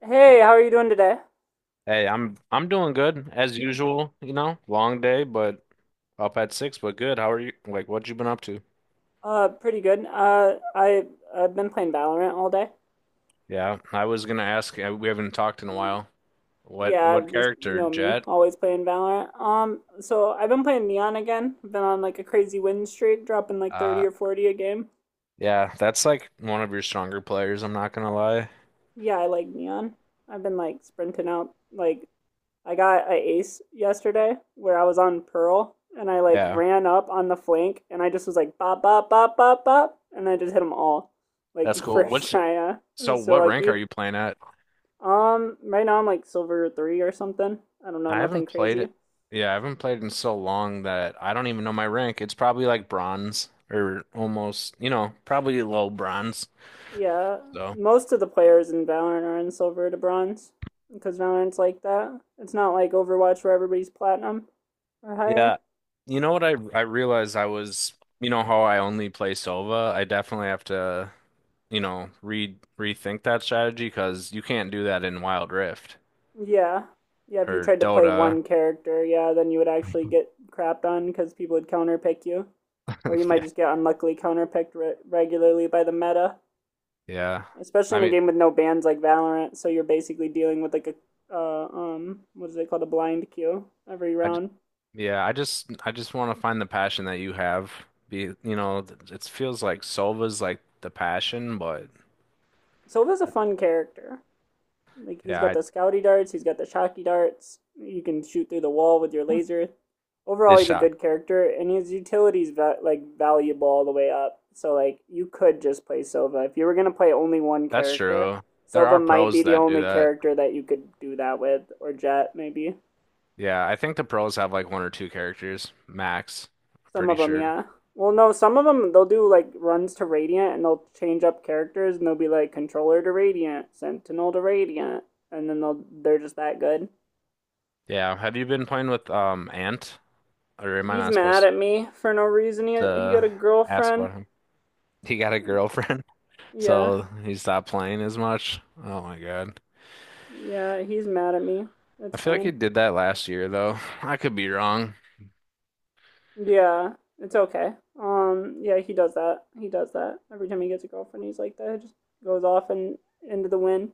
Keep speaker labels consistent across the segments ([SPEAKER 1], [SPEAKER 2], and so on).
[SPEAKER 1] Hey, how are you doing today?
[SPEAKER 2] Hey, I'm doing good as usual. Long day, but up at 6, but good. How are you? Like, what you been up to?
[SPEAKER 1] Pretty good. I've been playing Valorant all day.
[SPEAKER 2] Yeah, I was gonna ask. We haven't talked in a
[SPEAKER 1] Mm.
[SPEAKER 2] while. What
[SPEAKER 1] Yeah,
[SPEAKER 2] what
[SPEAKER 1] just you
[SPEAKER 2] character,
[SPEAKER 1] know me,
[SPEAKER 2] Jet?
[SPEAKER 1] always playing Valorant. So I've been playing Neon again. I've been on like a crazy win streak, dropping like
[SPEAKER 2] Uh,
[SPEAKER 1] 30 or 40 a game.
[SPEAKER 2] yeah, that's like one of your stronger players. I'm not gonna lie.
[SPEAKER 1] Yeah, I like Neon. I've been like sprinting out. Like I got a ace yesterday where I was on Pearl and I like
[SPEAKER 2] Yeah,
[SPEAKER 1] ran up on the flank and I just was like bop bop bop bop bop and I just hit them all like
[SPEAKER 2] that's cool.
[SPEAKER 1] first
[SPEAKER 2] What's
[SPEAKER 1] try. I'm
[SPEAKER 2] so?
[SPEAKER 1] so
[SPEAKER 2] What rank
[SPEAKER 1] lucky.
[SPEAKER 2] are you playing at?
[SPEAKER 1] Right now I'm like silver three or something. I don't know,
[SPEAKER 2] I
[SPEAKER 1] nothing
[SPEAKER 2] haven't played
[SPEAKER 1] crazy.
[SPEAKER 2] it. Yeah, I haven't played in so long that I don't even know my rank. It's probably like bronze or almost, probably low bronze.
[SPEAKER 1] Yeah,
[SPEAKER 2] So.
[SPEAKER 1] most of the players in Valorant are in silver to bronze because Valorant's like that. It's not like Overwatch where everybody's platinum or higher.
[SPEAKER 2] Yeah. You know what I realized you know how I only play Sova? I definitely have to, re rethink that strategy because you can't do that in Wild Rift
[SPEAKER 1] Yeah, yeah. If you
[SPEAKER 2] or
[SPEAKER 1] tried to play
[SPEAKER 2] Dota.
[SPEAKER 1] one character, yeah, then you would actually get crapped on because people would counterpick you, or you might
[SPEAKER 2] Yeah.
[SPEAKER 1] just get unluckily counterpicked regularly by the meta.
[SPEAKER 2] Yeah.
[SPEAKER 1] Especially
[SPEAKER 2] I
[SPEAKER 1] in a
[SPEAKER 2] mean,
[SPEAKER 1] game with no bans like Valorant. So you're basically dealing with like a what is it called, a blind queue every
[SPEAKER 2] I j-
[SPEAKER 1] round.
[SPEAKER 2] yeah, I just want to find the passion that you have. Be, it feels like Sova's like the passion, but
[SPEAKER 1] Silva's a fun character. Like he's
[SPEAKER 2] yeah,
[SPEAKER 1] got
[SPEAKER 2] I
[SPEAKER 1] the scouty darts, he's got the shocky darts. You can shoot through the wall with your laser. Overall,
[SPEAKER 2] this
[SPEAKER 1] he's a
[SPEAKER 2] shot.
[SPEAKER 1] good character, and his utility's like valuable all the way up. So like you could just play Silva if you were gonna play only one
[SPEAKER 2] That's
[SPEAKER 1] character.
[SPEAKER 2] true. There
[SPEAKER 1] Silva
[SPEAKER 2] are
[SPEAKER 1] might be
[SPEAKER 2] pros
[SPEAKER 1] the
[SPEAKER 2] that do
[SPEAKER 1] only
[SPEAKER 2] that.
[SPEAKER 1] character that you could do that with, or Jet maybe.
[SPEAKER 2] Yeah, I think the pros have like one or two characters max.
[SPEAKER 1] Some
[SPEAKER 2] Pretty
[SPEAKER 1] of them,
[SPEAKER 2] sure.
[SPEAKER 1] yeah. Well, no, some of them they'll do like runs to Radiant and they'll change up characters and they'll be like controller to Radiant, Sentinel to Radiant, and then they're just that good.
[SPEAKER 2] Yeah, have you been playing with Ant? Or am I
[SPEAKER 1] He's
[SPEAKER 2] not
[SPEAKER 1] mad
[SPEAKER 2] supposed
[SPEAKER 1] at me for no reason. He got
[SPEAKER 2] to
[SPEAKER 1] a
[SPEAKER 2] ask
[SPEAKER 1] girlfriend.
[SPEAKER 2] about him? He got a girlfriend,
[SPEAKER 1] Yeah.
[SPEAKER 2] so he stopped playing as much. Oh my God.
[SPEAKER 1] Yeah, he's mad at me.
[SPEAKER 2] I
[SPEAKER 1] It's
[SPEAKER 2] feel like he
[SPEAKER 1] fine.
[SPEAKER 2] did that last year though. I could be wrong.
[SPEAKER 1] Yeah, it's okay. Yeah, he does that. He does that. Every time he gets a girlfriend, he's like that. He just goes off and into the wind.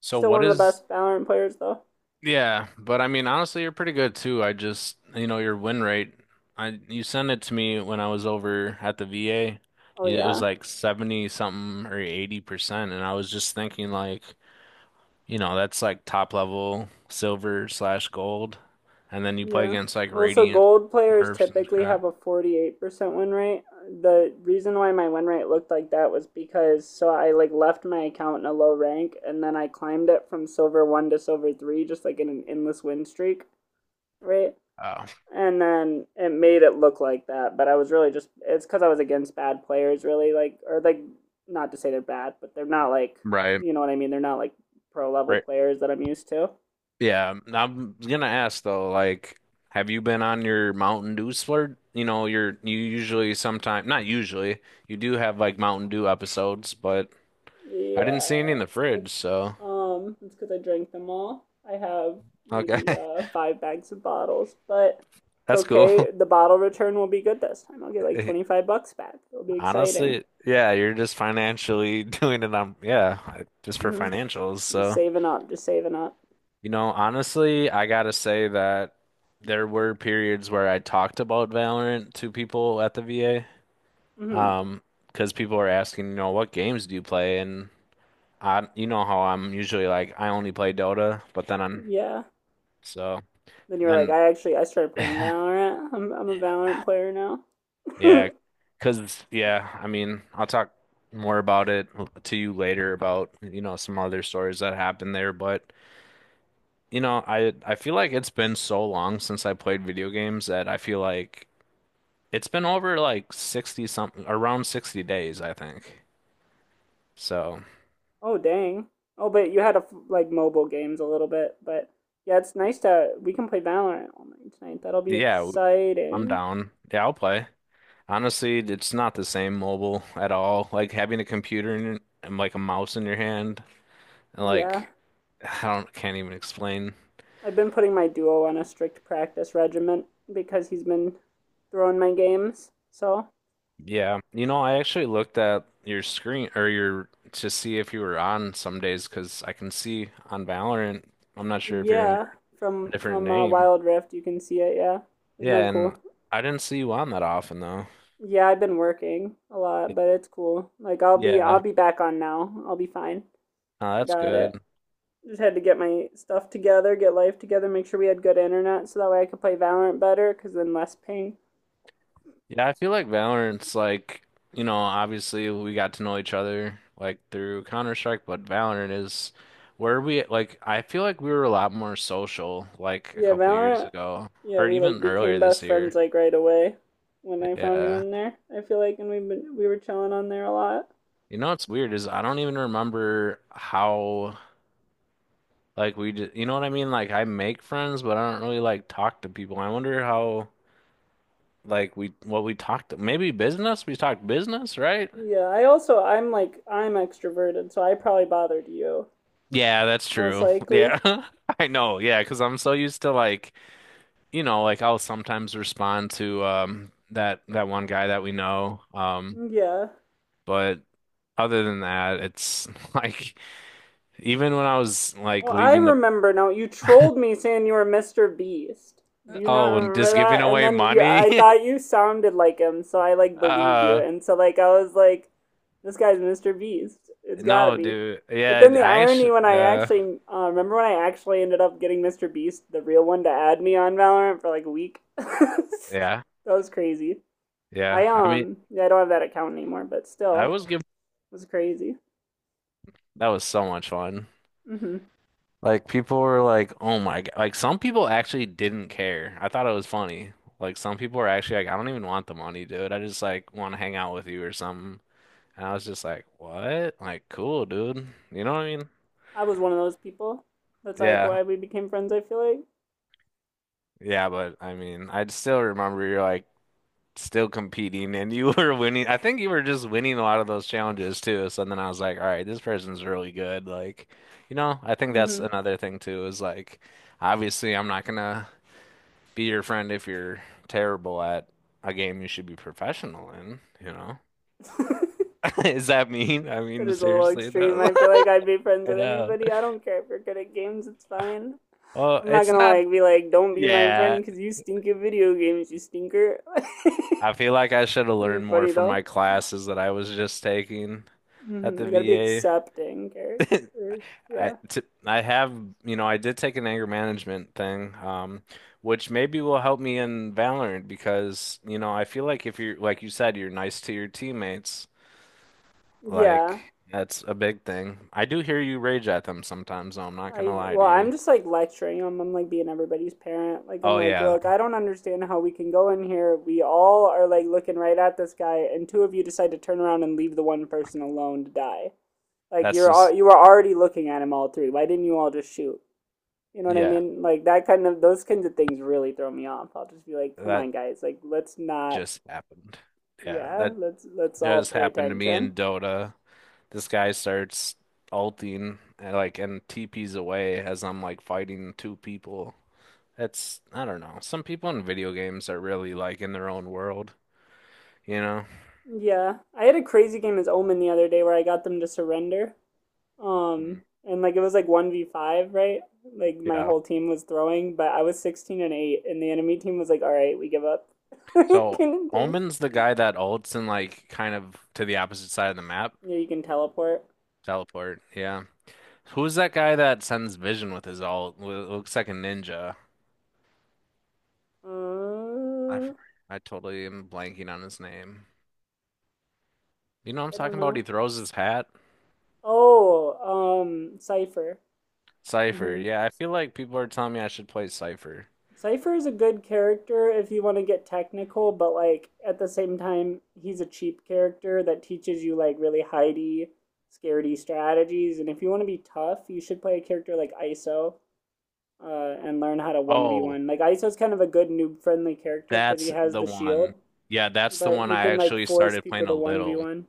[SPEAKER 2] So
[SPEAKER 1] Still
[SPEAKER 2] what
[SPEAKER 1] one of the
[SPEAKER 2] is.
[SPEAKER 1] best Valorant players though.
[SPEAKER 2] Yeah, but I mean, honestly, you're pretty good too. I just, your win rate. I you sent it to me when I was over at the VA.
[SPEAKER 1] Oh
[SPEAKER 2] It was
[SPEAKER 1] yeah.
[SPEAKER 2] like 70 something or 80%, and I was just thinking like, that's like top level silver/gold, and then you play
[SPEAKER 1] Yeah.
[SPEAKER 2] against like
[SPEAKER 1] Well, so
[SPEAKER 2] Radiant
[SPEAKER 1] gold players
[SPEAKER 2] Mercs and
[SPEAKER 1] typically
[SPEAKER 2] crap.
[SPEAKER 1] have a 48% win rate. The reason why my win rate looked like that was because so I like left my account in a low rank and then I climbed it from silver 1 to silver 3 just like in an endless win streak, right?
[SPEAKER 2] Oh,
[SPEAKER 1] And then it made it look like that, but I was really just it's cuz I was against bad players really like or like not to say they're bad, but they're not like,
[SPEAKER 2] right.
[SPEAKER 1] you know what I mean? They're not like pro level
[SPEAKER 2] Right.
[SPEAKER 1] players that I'm used to.
[SPEAKER 2] Yeah, I'm gonna ask though, like, have you been on your Mountain Dew splurge? You know, you usually sometime not usually, you do have like Mountain Dew episodes, but I didn't see any
[SPEAKER 1] Yeah,
[SPEAKER 2] in the fridge,
[SPEAKER 1] it's
[SPEAKER 2] so
[SPEAKER 1] it's because I drank them all. I have
[SPEAKER 2] okay.
[SPEAKER 1] maybe five bags of bottles, but it's
[SPEAKER 2] That's cool.
[SPEAKER 1] okay. The bottle return will be good this time. I'll get like twenty five bucks back. It'll be exciting.
[SPEAKER 2] Honestly, yeah, you're just financially doing it on yeah, just for
[SPEAKER 1] hmm
[SPEAKER 2] financials.
[SPEAKER 1] Just
[SPEAKER 2] So,
[SPEAKER 1] saving up, just saving up.
[SPEAKER 2] honestly, I gotta say that there were periods where I talked about Valorant to people at the VA.
[SPEAKER 1] Hmm,
[SPEAKER 2] Um, because people are asking, what games do you play? And I, you know how I'm usually like, I only play Dota, but then I'm
[SPEAKER 1] yeah.
[SPEAKER 2] so
[SPEAKER 1] Then you
[SPEAKER 2] and
[SPEAKER 1] were like,
[SPEAKER 2] then
[SPEAKER 1] I started playing Valorant. I'm a Valorant player now.
[SPEAKER 2] yeah, because yeah, I mean, I'll talk more about it to you later about some other stories that happened there, but I feel like it's been so long since I played video games that I feel like it's been over like 60 something around 60 days, I think. So
[SPEAKER 1] Oh dang. Oh, but you had a like mobile games a little bit, but yeah, it's nice to we can play Valorant all night tonight. That'll be
[SPEAKER 2] yeah, I'm
[SPEAKER 1] exciting.
[SPEAKER 2] down. Yeah, I'll play. Honestly, it's not the same mobile at all. Like having a computer in, and like a mouse in your hand, and
[SPEAKER 1] Yeah,
[SPEAKER 2] like I don't can't even explain.
[SPEAKER 1] I've been putting my duo on a strict practice regimen because he's been throwing my games. So
[SPEAKER 2] Yeah, I actually looked at your screen or your to see if you were on some days because I can see on Valorant. I'm not sure if you're
[SPEAKER 1] yeah,
[SPEAKER 2] under a
[SPEAKER 1] from
[SPEAKER 2] different
[SPEAKER 1] from uh,
[SPEAKER 2] name.
[SPEAKER 1] Wild Rift you can see it. Yeah, isn't that
[SPEAKER 2] Yeah,
[SPEAKER 1] cool?
[SPEAKER 2] and I didn't see you on that often though.
[SPEAKER 1] Yeah, I've been working a lot,
[SPEAKER 2] Y-
[SPEAKER 1] but it's cool. Like I'll be I'll
[SPEAKER 2] Yeah,
[SPEAKER 1] be back on now. I'll be fine. I
[SPEAKER 2] that's
[SPEAKER 1] got it.
[SPEAKER 2] good.
[SPEAKER 1] Just had to get my stuff together, get life together, make sure we had good internet so that way I could play Valorant better, cause then less ping.
[SPEAKER 2] Yeah, I feel like Valorant's like, obviously we got to know each other like through Counter-Strike, but Valorant is where we like I feel like we were a lot more social like a
[SPEAKER 1] Yeah,
[SPEAKER 2] couple years
[SPEAKER 1] Valorant.
[SPEAKER 2] ago
[SPEAKER 1] Yeah,
[SPEAKER 2] or
[SPEAKER 1] we like
[SPEAKER 2] even
[SPEAKER 1] became
[SPEAKER 2] earlier this
[SPEAKER 1] best friends
[SPEAKER 2] year.
[SPEAKER 1] like right away when I found you
[SPEAKER 2] Yeah.
[SPEAKER 1] on there. I feel like, and we were chilling on there a lot.
[SPEAKER 2] You know what's weird is I don't even remember how like we did, you know what I mean? Like I make friends, but I don't really like talk to people. I wonder how like we what we talked maybe business? We talked business, right?
[SPEAKER 1] Yeah, I also, I'm like, I'm extroverted, so I probably bothered you
[SPEAKER 2] Yeah, that's
[SPEAKER 1] most
[SPEAKER 2] true.
[SPEAKER 1] likely.
[SPEAKER 2] Yeah. I know. Yeah, 'cause I'm so used to like, like I'll sometimes respond to that one guy that we know.
[SPEAKER 1] Yeah,
[SPEAKER 2] But other than that, it's like even when I was like
[SPEAKER 1] well, I
[SPEAKER 2] leaving. The
[SPEAKER 1] remember now. You trolled me saying you were Mr. Beast. Do you not
[SPEAKER 2] Oh, and
[SPEAKER 1] remember
[SPEAKER 2] just giving
[SPEAKER 1] that? And
[SPEAKER 2] away
[SPEAKER 1] then you, I
[SPEAKER 2] money.
[SPEAKER 1] thought you sounded like him, so I like believed you.
[SPEAKER 2] Uh,
[SPEAKER 1] And so like I was like, this guy's Mr. Beast. It's gotta
[SPEAKER 2] no,
[SPEAKER 1] be.
[SPEAKER 2] dude.
[SPEAKER 1] But then
[SPEAKER 2] Yeah,
[SPEAKER 1] the
[SPEAKER 2] I
[SPEAKER 1] irony
[SPEAKER 2] actually
[SPEAKER 1] when I actually remember when I actually ended up getting Mr. Beast, the real one, to add me on Valorant for like a week. That
[SPEAKER 2] yeah.
[SPEAKER 1] was crazy.
[SPEAKER 2] Yeah.
[SPEAKER 1] I
[SPEAKER 2] I mean,
[SPEAKER 1] Yeah, I don't have that account anymore, but
[SPEAKER 2] I
[SPEAKER 1] still,
[SPEAKER 2] was giving
[SPEAKER 1] it was crazy.
[SPEAKER 2] that was so much fun.
[SPEAKER 1] Mm-hmm.
[SPEAKER 2] Like people were like, "Oh my God." Like some people actually didn't care. I thought it was funny. Like some people were actually like, "I don't even want the money, dude. I just like want to hang out with you or something." And I was just like, "What? Like cool, dude." You know what I mean?
[SPEAKER 1] I was one of those people. That's like
[SPEAKER 2] Yeah.
[SPEAKER 1] why we became friends, I feel like.
[SPEAKER 2] Yeah, but I mean, I still remember you're like still competing and you were winning. I think you were just winning a lot of those challenges too. So then I was like, "All right, this person's really good." Like, I think that's
[SPEAKER 1] Mm-hmm.
[SPEAKER 2] another thing too is like obviously I'm not gonna be your friend if you're terrible at a game you should be professional in, you know? Is that mean? I
[SPEAKER 1] That
[SPEAKER 2] mean,
[SPEAKER 1] is a little
[SPEAKER 2] seriously,
[SPEAKER 1] extreme.
[SPEAKER 2] though.
[SPEAKER 1] I feel like I'd be friends
[SPEAKER 2] I
[SPEAKER 1] with
[SPEAKER 2] know.
[SPEAKER 1] anybody. I don't care if you're good at games, it's fine.
[SPEAKER 2] Well,
[SPEAKER 1] I'm not
[SPEAKER 2] it's
[SPEAKER 1] gonna
[SPEAKER 2] not,
[SPEAKER 1] like be like, don't be my
[SPEAKER 2] yeah.
[SPEAKER 1] friend because you stink at video games, you stinker.
[SPEAKER 2] I feel like I should have
[SPEAKER 1] That'd
[SPEAKER 2] learned
[SPEAKER 1] be
[SPEAKER 2] more
[SPEAKER 1] funny
[SPEAKER 2] from
[SPEAKER 1] though.
[SPEAKER 2] my classes that I was just taking at
[SPEAKER 1] Mm-hmm.
[SPEAKER 2] the
[SPEAKER 1] You gotta be
[SPEAKER 2] VA.
[SPEAKER 1] accepting, okay? Or- yeah.
[SPEAKER 2] I have, I did take an anger management thing, which maybe will help me in Valorant because, I feel like if you're, like you said, you're nice to your teammates.
[SPEAKER 1] Yeah.
[SPEAKER 2] Like, that's a big thing. I do hear you rage at them sometimes, though. I'm not gonna
[SPEAKER 1] I
[SPEAKER 2] lie to
[SPEAKER 1] well, I'm
[SPEAKER 2] you.
[SPEAKER 1] just like lecturing them. I'm like being everybody's parent. Like I'm
[SPEAKER 2] Oh
[SPEAKER 1] like,
[SPEAKER 2] yeah,
[SPEAKER 1] look, I don't understand how we can go in here. We all are like looking right at this guy, and two of you decide to turn around and leave the one person alone to die. Like
[SPEAKER 2] that's
[SPEAKER 1] you're all,
[SPEAKER 2] just,
[SPEAKER 1] you were already looking at him all three. Why didn't you all just shoot? You know what I
[SPEAKER 2] yeah,
[SPEAKER 1] mean? Like that kind of those kinds of things really throw me off. I'll just be like, come on,
[SPEAKER 2] that
[SPEAKER 1] guys, like let's not.
[SPEAKER 2] just happened. Yeah,
[SPEAKER 1] Yeah,
[SPEAKER 2] that
[SPEAKER 1] let's all
[SPEAKER 2] just
[SPEAKER 1] pay
[SPEAKER 2] happened to me in
[SPEAKER 1] attention.
[SPEAKER 2] Dota. This guy starts ulting and TPs away as I'm like fighting two people. That's I don't know. Some people in video games are really like in their own world, you know?
[SPEAKER 1] Yeah, I had a crazy game as Omen the other day where I got them to surrender.
[SPEAKER 2] Mm,
[SPEAKER 1] And like it was like 1v5, right? Like my
[SPEAKER 2] yeah.
[SPEAKER 1] whole team was throwing, but I was 16-8, and the enemy team was like, "All right, we give up." Kind
[SPEAKER 2] So
[SPEAKER 1] of thing.
[SPEAKER 2] Omen's the guy that ults and like kind of to the opposite side of the map.
[SPEAKER 1] Yeah, you can teleport.
[SPEAKER 2] Teleport, yeah. Who's that guy that sends Vision with his ult? Looks like a ninja. I
[SPEAKER 1] Uh,
[SPEAKER 2] I totally am blanking on his name. You know what I'm
[SPEAKER 1] I don't
[SPEAKER 2] talking about? He
[SPEAKER 1] know.
[SPEAKER 2] throws his hat.
[SPEAKER 1] Oh, Cipher.
[SPEAKER 2] Cypher.
[SPEAKER 1] Mm-hmm.
[SPEAKER 2] Yeah, I feel like people are telling me I should play Cypher.
[SPEAKER 1] Cipher is a good character if you want to get technical, but like at the same time, he's a cheap character that teaches you like really hidey, scaredy strategies. And if you want to be tough, you should play a character like ISO, and learn how to
[SPEAKER 2] Oh,
[SPEAKER 1] 1v1. Like, Aizo's kind of a good noob friendly character because he
[SPEAKER 2] that's
[SPEAKER 1] has
[SPEAKER 2] the
[SPEAKER 1] the
[SPEAKER 2] one.
[SPEAKER 1] shield,
[SPEAKER 2] Yeah, that's the
[SPEAKER 1] but
[SPEAKER 2] one
[SPEAKER 1] you
[SPEAKER 2] I
[SPEAKER 1] can, like,
[SPEAKER 2] actually
[SPEAKER 1] force
[SPEAKER 2] started
[SPEAKER 1] people
[SPEAKER 2] playing a
[SPEAKER 1] to
[SPEAKER 2] little.
[SPEAKER 1] 1v1.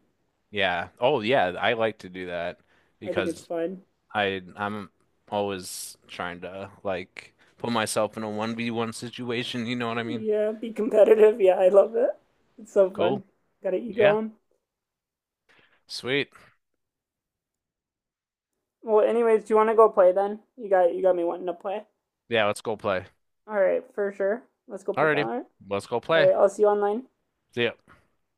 [SPEAKER 2] Yeah. Oh, yeah, I like to do that
[SPEAKER 1] I think it's
[SPEAKER 2] because
[SPEAKER 1] fun.
[SPEAKER 2] I'm always trying to like put myself in a 1v1 situation, you know what I mean?
[SPEAKER 1] Yeah, be competitive. Yeah, I love it. It's so
[SPEAKER 2] Cool.
[SPEAKER 1] fun. Got an ego
[SPEAKER 2] Yeah.
[SPEAKER 1] on.
[SPEAKER 2] Sweet.
[SPEAKER 1] Well, anyways, do you want to go play then? You got me wanting to play.
[SPEAKER 2] Yeah, let's go play.
[SPEAKER 1] All right, for sure. Let's go play
[SPEAKER 2] Alrighty,
[SPEAKER 1] Valorant.
[SPEAKER 2] let's go
[SPEAKER 1] All
[SPEAKER 2] play.
[SPEAKER 1] right, I'll see you online.
[SPEAKER 2] See ya.